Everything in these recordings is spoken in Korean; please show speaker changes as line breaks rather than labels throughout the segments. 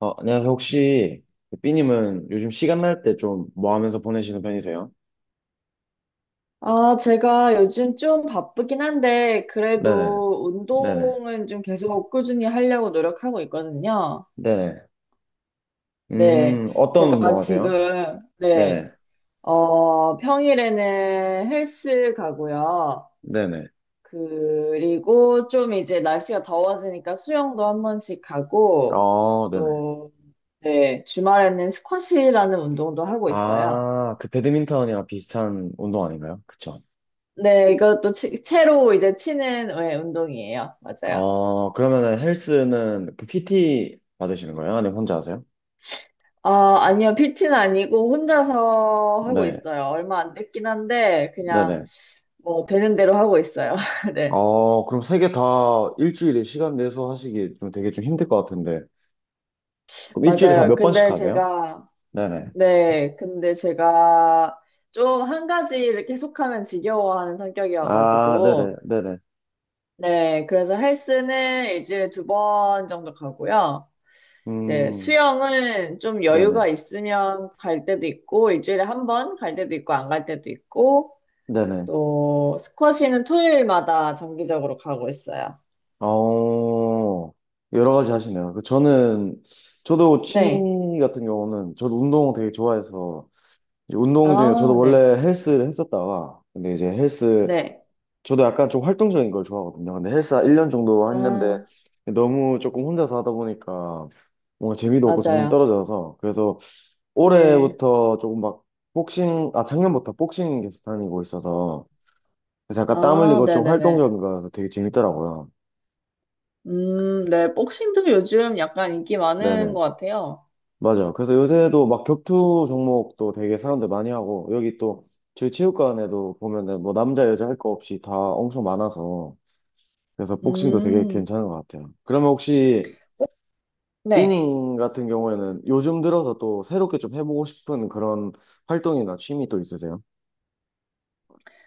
어, 안녕하세요. 혹시 그 삐님은 요즘 시간 날 때 좀 뭐 하면서 보내시는 편이세요?
아, 제가 요즘 좀 바쁘긴 한데,
네네,
그래도
네네,
운동은 좀 계속 꾸준히 하려고 노력하고 있거든요.
네네.
네,
어떤
제가
운동 하세요?
지금, 네,
네네,
평일에는 헬스 가고요.
네네.
그리고 좀 이제 날씨가 더워지니까 수영도 한 번씩 가고,
어, 네네.
또, 네, 주말에는 스쿼시라는 운동도 하고 있어요.
아, 그 배드민턴이랑 비슷한 운동 아닌가요? 그쵸?
네, 이것도 채로 이제 치는 네, 운동이에요. 맞아요.
어, 그러면은 헬스는 그 PT 받으시는 거예요? 아니면 혼자 하세요?
아, 아니요. PT는 아니고 혼자서 하고
네,
있어요. 얼마 안 됐긴 한데 그냥
네네.
뭐 되는 대로 하고 있어요. 네.
어, 그럼 세 개 다 일주일에 시간 내서 하시기 좀 되게 좀 힘들 것 같은데. 그럼 일주일에 다
맞아요.
몇 번씩
근데
하세요?
제가
네네.
네. 근데 제가 좀 한 가지를 계속하면 지겨워하는 성격이어
아, 네네,
가지고
네네.
네. 그래서 헬스는 일주일에 두 번 정도 가고요. 이제
음,
수영은 좀 여유가
네네.
있으면 갈 때도 있고 일주일에 한 번 갈 때도 있고 안 갈 때도 있고
네네.
또 스쿼시는 토요일마다 정기적으로 가고 있어요.
어, 여러 가지 하시네요. 그 저는, 저도
네.
취미 같은 경우는, 저도 운동 되게 좋아해서, 이제 운동 중에, 저도
아,
원래
네.
헬스를 했었다가, 근데 이제 헬스,
네.
저도 약간 좀 활동적인 걸 좋아하거든요. 근데 헬스 1년 정도 했는데,
아,
너무 조금 혼자서 하다 보니까, 뭔가 재미도 없고 점점
맞아요.
떨어져서, 그래서
네.
올해부터 조금 막, 복싱, 아, 작년부터 복싱 계속 다니고 있어서, 그래서 약간 땀
아,
흘리고 좀
네네네.
활동적인 거라서 되게 재밌더라고요.
네. 복싱도 요즘 약간 인기 많은
네네.
것 같아요.
맞아요. 그래서 요새도 막 격투 종목도 되게 사람들 많이 하고, 여기 또 저희 체육관에도 보면은 뭐 남자, 여자 할 거 없이 다 엄청 많아서, 그래서 복싱도 되게
음,
괜찮은 것 같아요. 그러면 혹시
네.
삐닝 같은 경우에는 요즘 들어서 또 새롭게 좀 해보고 싶은 그런 활동이나 취미 또 있으세요?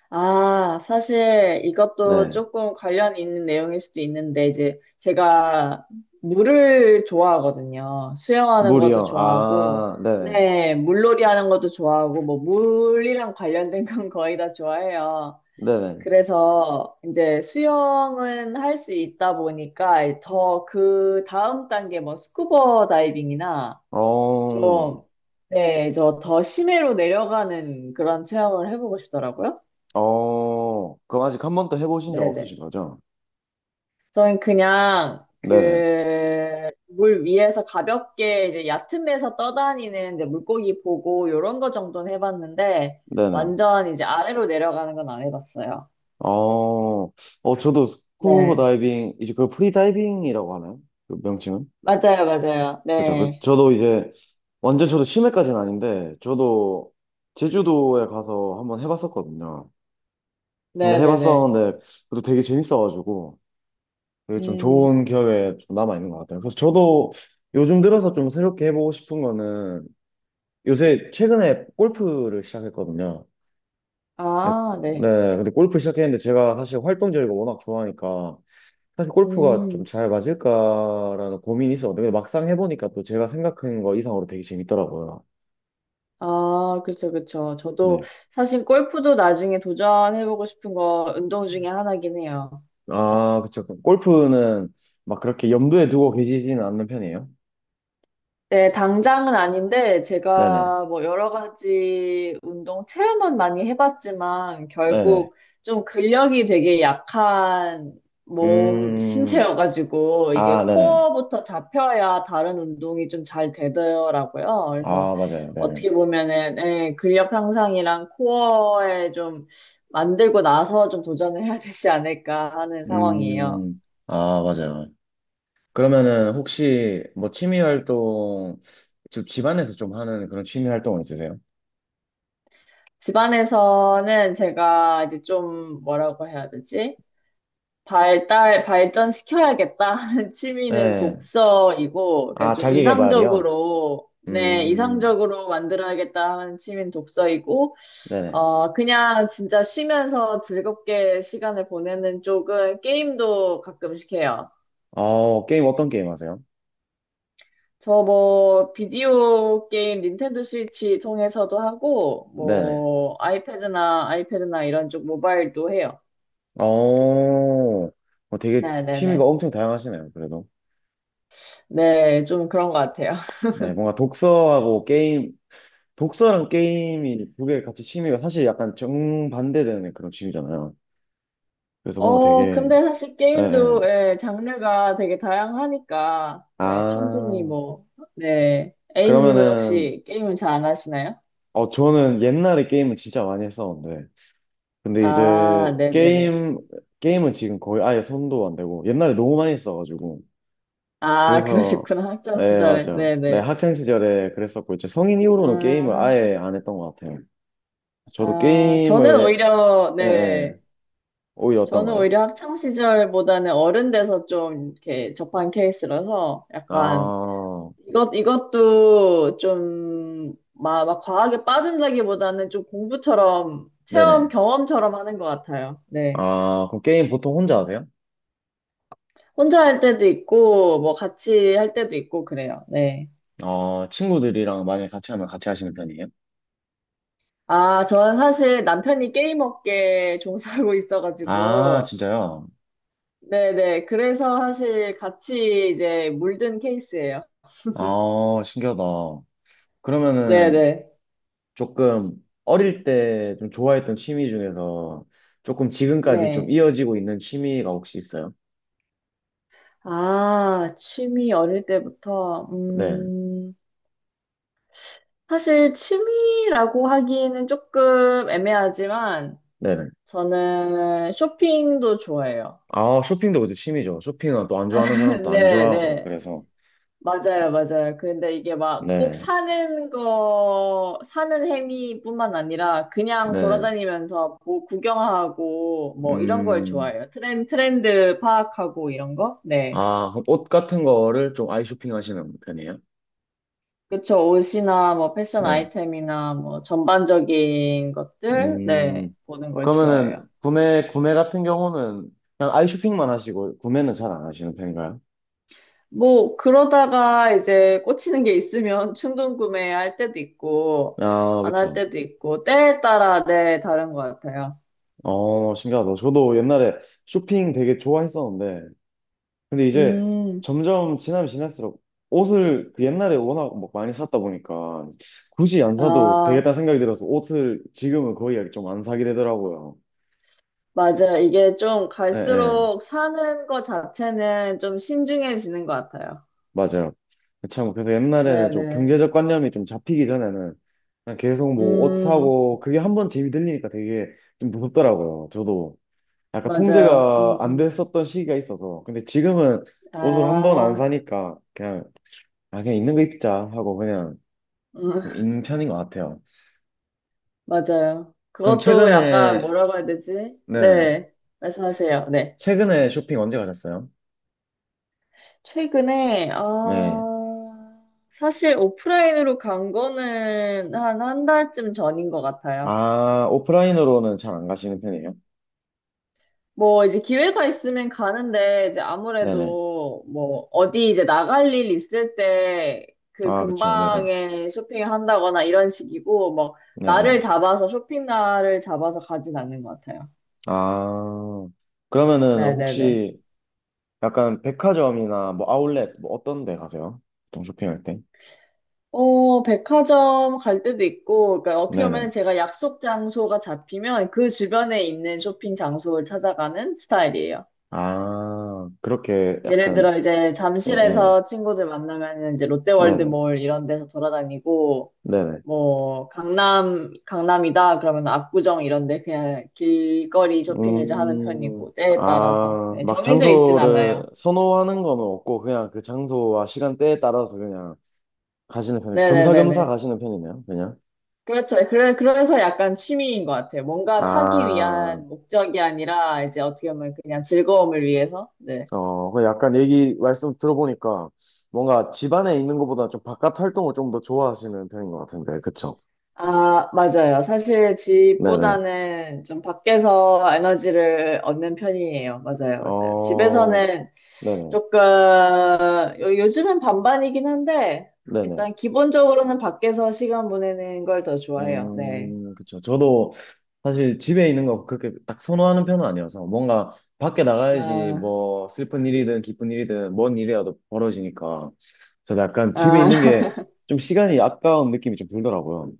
아, 사실 이것도
네.
조금 관련이 있는 내용일 수도 있는데, 이제 제가 물을 좋아하거든요. 수영하는 것도
물이요.
좋아하고,
아, 네네.
네, 물놀이 하는 것도 좋아하고, 뭐, 물이랑 관련된 건 거의 다 좋아해요.
네네.
그래서 이제 수영은 할 수 있다 보니까 더 그 다음 단계 뭐 스쿠버 다이빙이나
어,
좀, 네, 저 더 심해로 내려가는 그런 체험을 해보고 싶더라고요.
어, 그럼 아직 한 번도 해보신 적
네네.
없으신 거죠?
저는 그냥 그
네네.
물 위에서 가볍게 이제 얕은 데서 떠다니는 이제 물고기 보고 요런 거 정도는 해봤는데
네네.
완전 이제 아래로 내려가는 건 안 해봤어요.
어, 어, 저도 스쿠버
네.
다이빙, 이제 그 프리다이빙이라고 하나요? 그 명칭은?
맞아요, 맞아요.
그죠. 그,
네.
저도 이제, 완전 저도 심해까지는 아닌데, 저도 제주도에 가서 한번 해봤었거든요. 근데
네네네.
해봤었는데, 그래도 되게 재밌어가지고, 되게 좀
음,
좋은 기억에 좀 남아있는 것 같아요. 그래서 저도 요즘 들어서 좀 새롭게 해보고 싶은 거는, 요새 최근에 골프를 시작했거든요. 네,
아, 네.
네, 근데 골프 시작했는데 제가 사실 활동적이고 워낙 좋아하니까, 사실 골프가 좀
음,
잘 맞을까라는 고민이 있었는데 근데 막상 해보니까 또 제가 생각한 거 이상으로 되게 재밌더라고요.
아, 그쵸, 그쵸. 저도
네.
사실 골프도 나중에 도전해보고 싶은 거 운동 중에 하나긴 해요.
아, 그쵸. 그럼 골프는 막 그렇게 염두에 두고 계시지는 않는 편이에요?
네, 당장은 아닌데,
네네.
제가 뭐 여러 가지 운동 체험은 많이 해봤지만,
네네.
결국 좀 근력이 되게 약한 몸,
음,
신체여가지고, 이게
아, 네네.
코어부터 잡혀야 다른 운동이 좀 잘 되더라고요. 그래서
아, 맞아요. 네네.
어떻게 보면은, 예, 근력 향상이랑 코어에 좀 만들고 나서 좀 도전을 해야 되지 않을까 하는 상황이에요.
음, 아, 맞아요. 그러면은 혹시 뭐 취미 활동, 좀 집안에서 좀 하는 그런 취미 활동은 있으세요?
집안에서는 제가 이제 좀 뭐라고 해야 되지? 발달, 발전시켜야겠다 하는 취미는
네.
독서이고, 그러니까
아,
좀
자기 개발이요?
이상적으로, 네,
음,
이상적으로 만들어야겠다 하는 취미는 독서이고,
네네.
그냥 진짜 쉬면서 즐겁게 시간을 보내는 쪽은 게임도 가끔씩 해요.
어, 게임 어떤 게임 하세요?
저 뭐, 비디오 게임 닌텐도 스위치 통해서도 하고,
네네.
뭐, 아이패드나 이런 쪽 모바일도 해요.
어, 어, 되게
네네네.
취미가
네,
엄청 다양하시네요, 그래도.
네. 네, 좀 그런 것 같아요.
네, 뭔가 독서하고 게임, 독서랑 게임이 두 개 같이 취미가 사실 약간 정반대되는 그런 취미잖아요. 그래서 뭔가 되게,
근데 사실
예, 예.
게임도, 예, 장르가 되게 다양하니까, 네, 충분히
아,
뭐, 네. A님은
그러면은,
혹시 게임을 잘 안 하시나요?
어, 저는 옛날에 게임을 진짜 많이 했었는데, 근데 이제
아, 네네네.
게임, 게임은 지금 거의 아예 손도 안 대고, 옛날에 너무 많이 했어가지고,
아,
그래서
그러셨구나. 학창
네
시절에.
맞아. 네
네네.
학창 시절에 그랬었고 이제 성인 이후로는 게임을
아,
아예 안 했던 것 같아요. 저도
저는
게임을
오히려,
예, 예.
네.
오히려
저는
어떤가요?
오히려 학창 시절보다는 어른 돼서 좀 이렇게 접한 케이스라서 약간
아
이것도 좀, 막 과하게 빠진다기보다는 좀 공부처럼, 체험,
네네.
경험처럼 하는 것 같아요. 네.
아 그럼 게임 보통 혼자 하세요?
혼자 할 때도 있고, 뭐, 같이 할 때도 있고, 그래요. 네.
어 친구들이랑 만약에 같이 하면 같이 하시는 편이에요?
아, 저는 사실 남편이 게임 업계에 종사하고
아
있어가지고,
진짜요?
네네. 그래서 사실 같이 이제 물든 케이스예요.
아 신기하다. 그러면은
네네.
조금 어릴 때 좀 좋아했던 취미 중에서 조금
네.
지금까지 좀
네.
이어지고 있는 취미가 혹시 있어요?
아, 취미 어릴 때부터,
네.
사실 취미라고 하기에는 조금 애매하지만
네
저는 쇼핑도 좋아해요.
아, 쇼핑도 그죠. 취미죠. 쇼핑은 또 안 좋아하는 사람도 안
네,
좋아하고,
네.
그래서.
맞아요, 맞아요. 근데 이게 막 꼭
네,
사는 거, 사는 행위뿐만 아니라 그냥
네.
돌아다니면서 뭐 구경하고 뭐 이런 걸
음,
좋아해요. 트렌드 파악하고 이런 거? 네.
아, 그럼 옷 같은 거를 좀 아이 쇼핑 하시는 편이에요?
그쵸. 옷이나 뭐 패션
네.
아이템이나 뭐 전반적인 것들? 네.
음,
보는 걸 좋아해요.
그러면은 구매 같은 경우는 그냥 아이 쇼핑만 하시고, 구매는 잘 안 하시는 편인가요?
뭐, 그러다가 이제 꽂히는 게 있으면 충동 구매할 때도 있고,
아,
안 할
그쵸.
때도 있고, 때에 따라 네, 다른 것 같아요.
어, 신기하다. 저도 옛날에 쇼핑 되게 좋아했었는데, 근데 이제
음,
점점 지나면 지날수록 옷을 그 옛날에 워낙 막 많이 샀다 보니까 굳이 안 사도
아,
되겠다 생각이 들어서 옷을 지금은 거의 좀 안 사게 되더라고요.
맞아요. 이게 좀
예, 예,
갈수록 사는 것 자체는 좀 신중해지는 것 같아요.
맞아요. 참, 그래서 옛날에는 좀
네네.
경제적 관념이 좀 잡히기 전에는 그냥 계속 뭐 옷
음,
사고 그게 한 번 재미 들리니까 되게 좀 무섭더라고요. 저도 약간
맞아요.
통제가 안 됐었던 시기가 있어서. 근데 지금은 옷을 한 번 안
아,
사니까 그냥, 아, 그냥 있는 거 입자 하고 그냥
음,
좀 있는 편인 것 같아요.
맞아요.
그럼
그것도 약간
최근에,
뭐라고 해야 되지?
네네.
네, 말씀하세요. 네.
최근에 쇼핑 언제 가셨어요?
최근에,
네.
아, 사실 오프라인으로 간 거는 한 한 달쯤 전인 것 같아요.
아, 오프라인으로는 잘 안 가시는 편이에요?
뭐, 이제 기회가 있으면 가는데, 이제
네네.
아무래도 뭐, 어디 이제 나갈 일 있을 때 그
아, 그쵸. 네네.
근방에 쇼핑을 한다거나 이런 식이고, 뭐,
네네.
날을 잡아서, 쇼핑 날을 잡아서 가진 않는 것 같아요.
아, 그러면은
네네네.
혹시 약간 백화점이나 뭐 아울렛 뭐 어떤 데 가세요? 보통 쇼핑할 때?
백화점 갈 때도 있고, 그러니까 어떻게
네네.
보면 제가 약속 장소가 잡히면 그 주변에 있는 쇼핑 장소를 찾아가는 스타일이에요.
아, 그렇게
예를
약간,
들어 이제
예, 예.
잠실에서 친구들 만나면 이제
네네.
롯데월드몰 이런 데서 돌아다니고,
네네.
뭐 강남 강남이다 그러면 압구정 이런 데 그냥 길거리 쇼핑을 이제 하는
음,
편이고 때에 따라서
아,
네,
막
정해져 있진
장소를
않아요.
선호하는 건 없고, 그냥 그 장소와 시간대에 따라서 그냥 가시는 편이 겸사겸사
네네네네.
가시는 편이네요, 그냥.
그렇죠. 그래, 그래서 약간 취미인 것 같아요. 뭔가 사기
아,
위한 목적이 아니라 이제 어떻게 보면 그냥 즐거움을 위해서. 네.
어, 그 약간 얘기 말씀 들어보니까 뭔가 집 안에 있는 것보다 좀 바깥 활동을 좀 더 좋아하시는 편인 것 같은데, 그쵸?
아, 맞아요. 사실
네네.
집보다는 좀 밖에서 에너지를 얻는 편이에요. 맞아요, 맞아요.
어,
집에서는
네네.
조금, 요즘은 반반이긴 한데,
네네.
일단 기본적으로는 밖에서 시간 보내는 걸 더 좋아해요. 네.
그쵸. 저도 사실 집에 있는 거 그렇게 딱 선호하는 편은 아니어서 뭔가 밖에 나가야지
아,
뭐 슬픈 일이든 기쁜 일이든 뭔 일이라도 벌어지니까 저도 약간 집에
아.
있는 게 좀 시간이 아까운 느낌이 좀 들더라고요.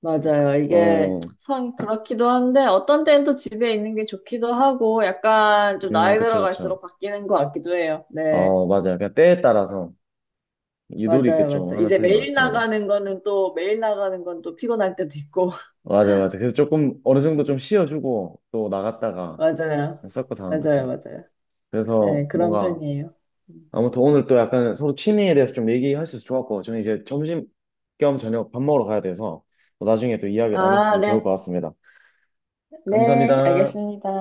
맞아요. 이게
예.
참 그렇기도 한데 어떤 때는 또 집에 있는 게 좋기도 하고 약간 좀 나이
그쵸, 그쵸.
들어갈수록 바뀌는 것 같기도 해요. 네.
어, 맞아요. 그냥 때에 따라서 유도리 있게
맞아요.
좀
맞아요.
하는
이제
편인 것
매일
같습니다.
나가는 거는 또 매일 나가는 건 또 피곤할 때도 있고.
맞아요, 맞아요. 그래서 조금 어느 정도 좀 쉬어주고 또 나갔다가
맞아요.
그냥 섞고 자는 것
맞아요.
같아요.
맞아요.
그래서
네. 그런
뭔가
편이에요. 음.
아무튼 오늘 또 약간 서로 취미에 대해서 좀 얘기할 수 있어서 좋았고 저는 이제 점심 겸 저녁 밥 먹으러 가야 돼서 또 나중에 또 이야기 나눌 수
아,
있으면 좋을
네.
것 같습니다.
네.
감사합니다.
알겠습니다.